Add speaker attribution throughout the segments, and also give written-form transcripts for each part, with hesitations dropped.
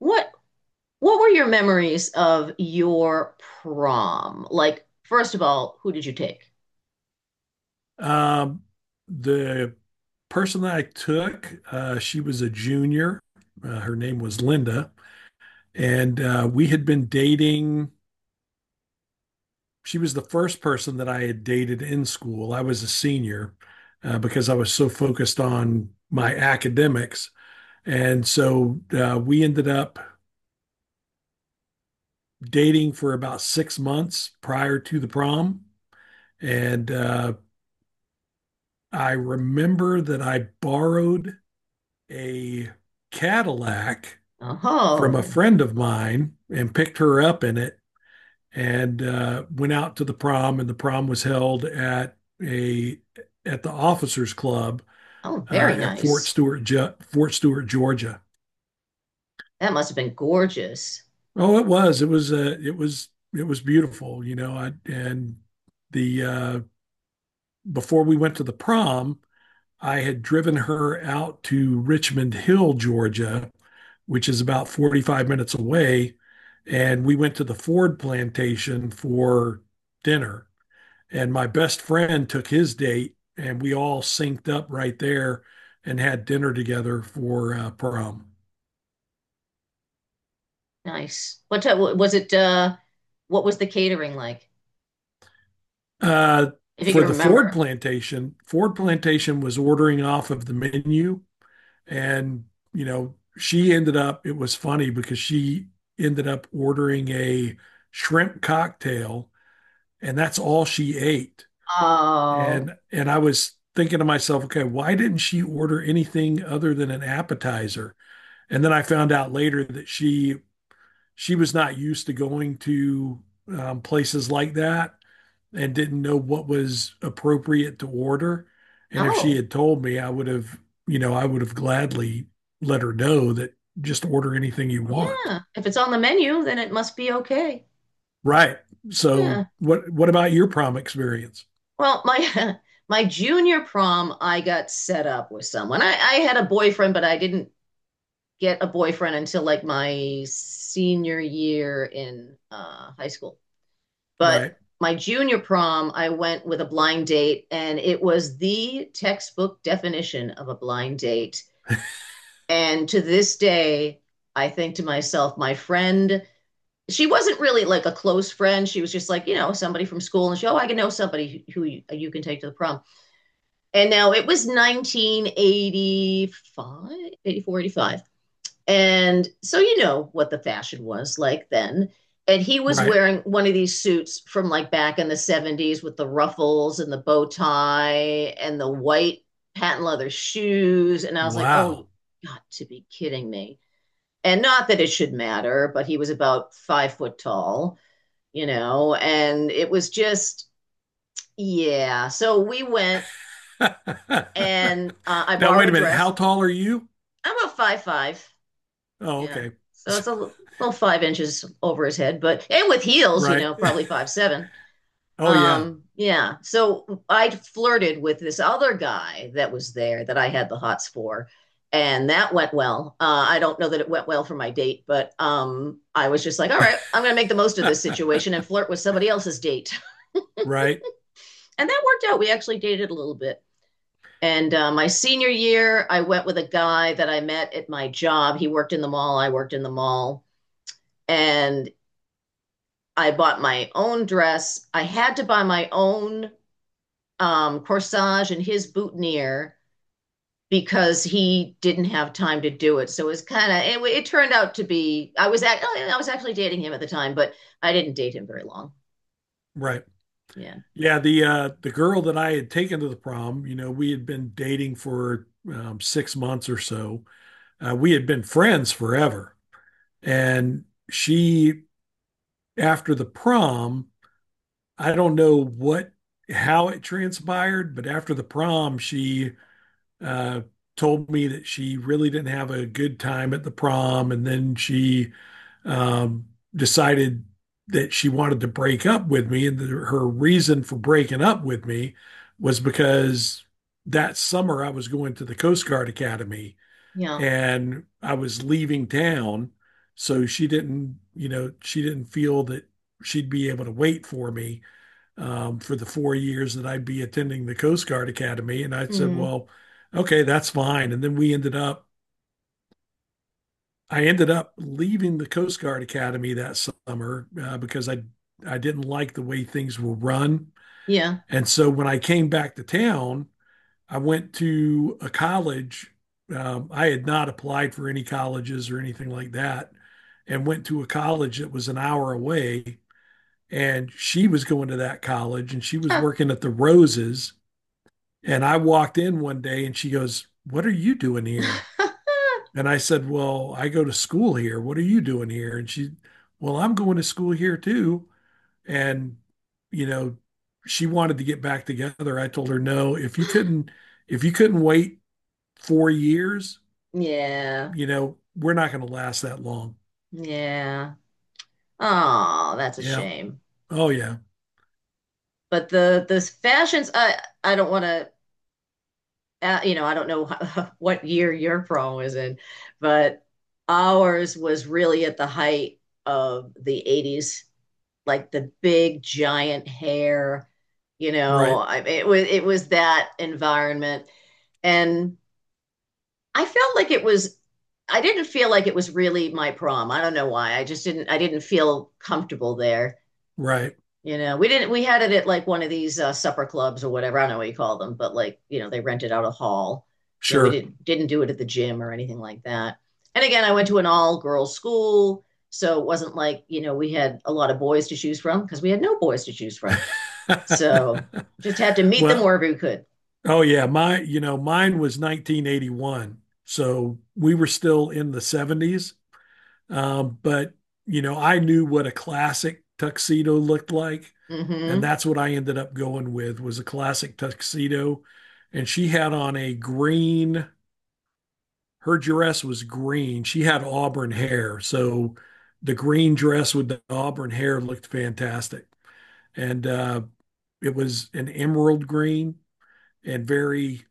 Speaker 1: What what were your memories of your prom? Like, first of all, who did you take?
Speaker 2: Um, the person that I took, she was a junior. Her name was Linda, and we had been dating. She was the first person that I had dated in school. I was a senior because I was so focused on my academics, and so we ended up dating for about 6 months prior to the prom. And I remember that I borrowed a Cadillac from a
Speaker 1: Oh,
Speaker 2: friend of mine and picked her up in it and went out to the prom, and the prom was held at a at the officers club
Speaker 1: oh, very
Speaker 2: at
Speaker 1: nice.
Speaker 2: Fort Stewart, Georgia.
Speaker 1: That must have been gorgeous.
Speaker 2: Oh, it was, it was it was, it was beautiful, and the before we went to the prom, I had driven her out to Richmond Hill, Georgia, which is about 45 minutes away. And we went to the Ford plantation for dinner. And my best friend took his date, and we all synced up right there and had dinner together for prom.
Speaker 1: Nice. What was it? What was the catering like?
Speaker 2: Uh,
Speaker 1: If you
Speaker 2: for
Speaker 1: can
Speaker 2: the
Speaker 1: remember.
Speaker 2: Ford plantation was ordering off of the menu. And, you know, she ended up, it was funny because she ended up ordering a shrimp cocktail, and that's all she ate.
Speaker 1: Oh,
Speaker 2: And I was thinking to myself, okay, why didn't she order anything other than an appetizer? And then I found out later that she was not used to going to places like that and didn't know what was appropriate to order. And if she
Speaker 1: oh,
Speaker 2: had told me, I would have, you know, I would have gladly let her know that just order anything you want.
Speaker 1: yeah. If it's on the menu, then it must be okay.
Speaker 2: Right. So
Speaker 1: Yeah.
Speaker 2: what about your prom experience?
Speaker 1: Well, my my junior prom, I got set up with someone. I had a boyfriend, but I didn't get a boyfriend until like my senior year in high school. But
Speaker 2: Right.
Speaker 1: my junior prom, I went with a blind date, and it was the textbook definition of a blind date. And to this day, I think to myself, my friend, she wasn't really like a close friend. She was just like, somebody from school. And she, oh, I can know somebody who you can take to the prom. And now it was 1985, 84, 85. And so you know what the fashion was like then. And he was
Speaker 2: Right.
Speaker 1: wearing one of these suits from like back in the 70s with the ruffles and the bow tie and the white patent leather shoes. And I was like, oh, you
Speaker 2: Wow.
Speaker 1: got to be kidding me. And not that it should matter, but he was about 5 foot tall, and it was just, yeah. So we went and I
Speaker 2: Now,
Speaker 1: borrowed
Speaker 2: wait
Speaker 1: a
Speaker 2: a minute.
Speaker 1: dress.
Speaker 2: How tall are you?
Speaker 1: I'm about 5'5".
Speaker 2: Oh,
Speaker 1: Yeah.
Speaker 2: okay.
Speaker 1: So it's a little 5 inches over his head, but and with heels,
Speaker 2: Right.
Speaker 1: probably 5'7".
Speaker 2: Oh, yeah.
Speaker 1: Yeah. So I flirted with this other guy that was there that I had the hots for, and that went well. I don't know that it went well for my date, but I was just like, all right, I'm gonna make the most of this situation and flirt with somebody else's date,
Speaker 2: Right.
Speaker 1: and that worked out. We actually dated a little bit. And my senior year, I went with a guy that I met at my job. He worked in the mall. I worked in the mall and I bought my own dress. I had to buy my own corsage and his boutonniere because he didn't have time to do it. So it was kind of it turned out to be I was actually dating him at the time, but I didn't date him very long.
Speaker 2: Right.
Speaker 1: Yeah.
Speaker 2: Yeah, the girl that I had taken to the prom, you know, we had been dating for 6 months or so. We had been friends forever. And she, after the prom, I don't know what how it transpired, but after the prom, she uh, told me that she really didn't have a good time at the prom, and then she um, decided that she wanted to break up with me, and that her reason for breaking up with me was because that summer I was going to the Coast Guard Academy
Speaker 1: Yeah.
Speaker 2: and I was leaving town, so she didn't, you know, she didn't feel that she'd be able to wait for me for the 4 years that I'd be attending the Coast Guard Academy. And I said,
Speaker 1: Mm,
Speaker 2: well, okay, that's fine. And then I ended up leaving the Coast Guard Academy that summer because I didn't like the way things were run.
Speaker 1: yeah.
Speaker 2: And so when I came back to town, I went to a college. I had not applied for any colleges or anything like that, and went to a college that was an hour away. And she was going to that college, and she was
Speaker 1: Huh.
Speaker 2: working at the Roses. And I walked in one day and she goes, "What are you doing here?" And I said, "Well, I go to school here. What are you doing here?" And she, "Well, I'm going to school here too." And, you know, she wanted to get back together. I told her, "No, if you couldn't wait 4 years,
Speaker 1: Yeah.
Speaker 2: you know, we're not going to last that long."
Speaker 1: Yeah. Oh, that's a
Speaker 2: Yeah.
Speaker 1: shame.
Speaker 2: Oh, yeah.
Speaker 1: But the fashions I don't want to I don't know how, what year your prom was in, but ours was really at the height of the 80s, like the big giant hair,
Speaker 2: Right.
Speaker 1: it was that environment and I felt like it was I didn't feel like it was really my prom. I don't know why. I just didn't feel comfortable there.
Speaker 2: Right.
Speaker 1: We didn't, we had it at like one of these supper clubs or whatever. I don't know what you call them, but like, they rented out a hall. You know, we
Speaker 2: Sure.
Speaker 1: didn't, didn't do it at the gym or anything like that. And again, I went to an all girls school. So it wasn't like, we had a lot of boys to choose from because we had no boys to choose from. So just had to meet them
Speaker 2: Well,
Speaker 1: wherever we could.
Speaker 2: oh yeah, my, mine was 1981, so we were still in the 70s. But you know, I knew what a classic tuxedo looked like, and
Speaker 1: Mm
Speaker 2: that's what I ended up going with, was a classic tuxedo. And she had on a green. Her dress was green. She had auburn hair, so the green dress with the auburn hair looked fantastic, and it was an emerald green and very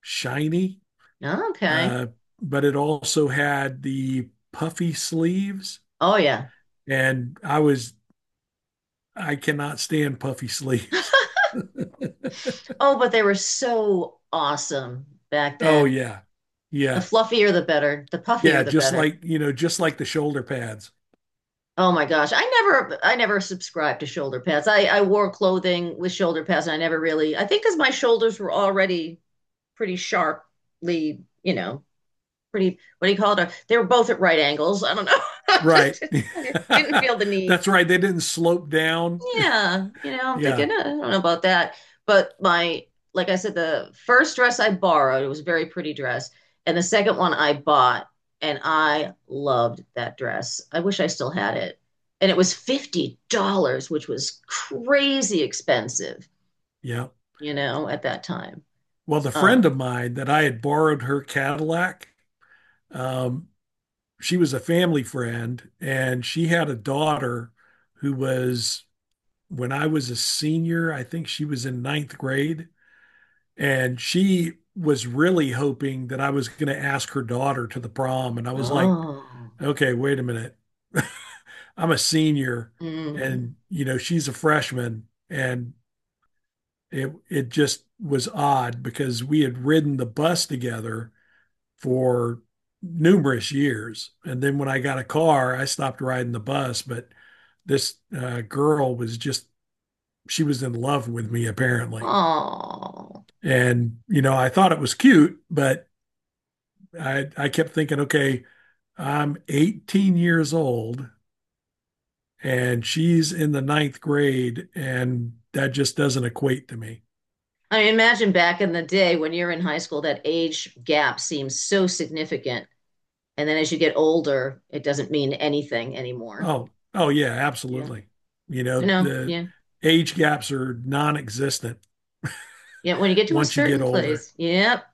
Speaker 2: shiny
Speaker 1: hmm. Okay.
Speaker 2: uh, but it also had the puffy sleeves,
Speaker 1: Oh, yeah.
Speaker 2: and I was, I cannot stand puffy sleeves.
Speaker 1: Oh, but they were so awesome back
Speaker 2: Oh
Speaker 1: then.
Speaker 2: yeah,
Speaker 1: The
Speaker 2: yeah,
Speaker 1: fluffier, the better. The
Speaker 2: yeah.
Speaker 1: puffier, the
Speaker 2: Just
Speaker 1: better.
Speaker 2: like you know, just like the shoulder pads,
Speaker 1: Oh my gosh. I never subscribed to shoulder pads. I wore clothing with shoulder pads and I never really I think because my shoulders were already pretty sharply, pretty what do you call it? They were both at right angles. I don't know. I
Speaker 2: right?
Speaker 1: just I just didn't feel the need.
Speaker 2: That's right. They didn't slope down.
Speaker 1: Yeah, I'm
Speaker 2: Yeah,
Speaker 1: thinking, I don't know about that. But like I said, the first dress I borrowed, it was a very pretty dress. And the second one I bought, and I loved that dress. I wish I still had it. And it was $50, which was crazy expensive,
Speaker 2: yeah.
Speaker 1: at that time.
Speaker 2: Well, the friend of
Speaker 1: Um,
Speaker 2: mine that I had borrowed her Cadillac, um, she was a family friend, and she had a daughter who was, when I was a senior, I think she was in ninth grade, and she was really hoping that I was going to ask her daughter to the prom. And I was like,
Speaker 1: oh,
Speaker 2: okay, wait a minute. I'm a senior,
Speaker 1: mm,
Speaker 2: and you know she's a freshman, and it just was odd because we had ridden the bus together for numerous years, and then when I got a car, I stopped riding the bus. But this girl was just, she was in love with me apparently.
Speaker 1: oh.
Speaker 2: And, you know, I thought it was cute, but I kept thinking, okay, I'm 18 years old and she's in the ninth grade, and that just doesn't equate to me.
Speaker 1: I mean, imagine back in the day when you're in high school, that age gap seems so significant. And then as you get older, it doesn't mean anything anymore.
Speaker 2: Oh, oh, yeah,
Speaker 1: Yeah.
Speaker 2: absolutely. You know,
Speaker 1: No,
Speaker 2: the
Speaker 1: yeah.
Speaker 2: age gaps are non existent
Speaker 1: Yeah. When you get to a
Speaker 2: once you get
Speaker 1: certain
Speaker 2: older,
Speaker 1: place. Yep.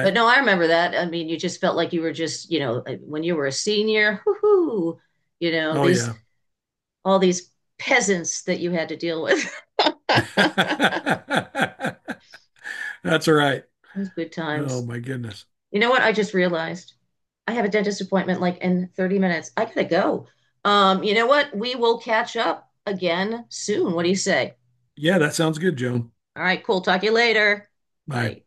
Speaker 1: But no, I remember that. I mean, you just felt like you were just, when you were a senior, whoo,
Speaker 2: Oh,
Speaker 1: these
Speaker 2: yeah.
Speaker 1: all these peasants that you had to deal with.
Speaker 2: That's all right.
Speaker 1: Those good
Speaker 2: Oh,
Speaker 1: times.
Speaker 2: my goodness.
Speaker 1: You know what? I just realized I have a dentist appointment like in 30 minutes. I gotta go. You know what? We will catch up again soon. What do you say?
Speaker 2: Yeah, that sounds good, Joan.
Speaker 1: All right, cool. Talk to you later.
Speaker 2: Bye.
Speaker 1: Bye.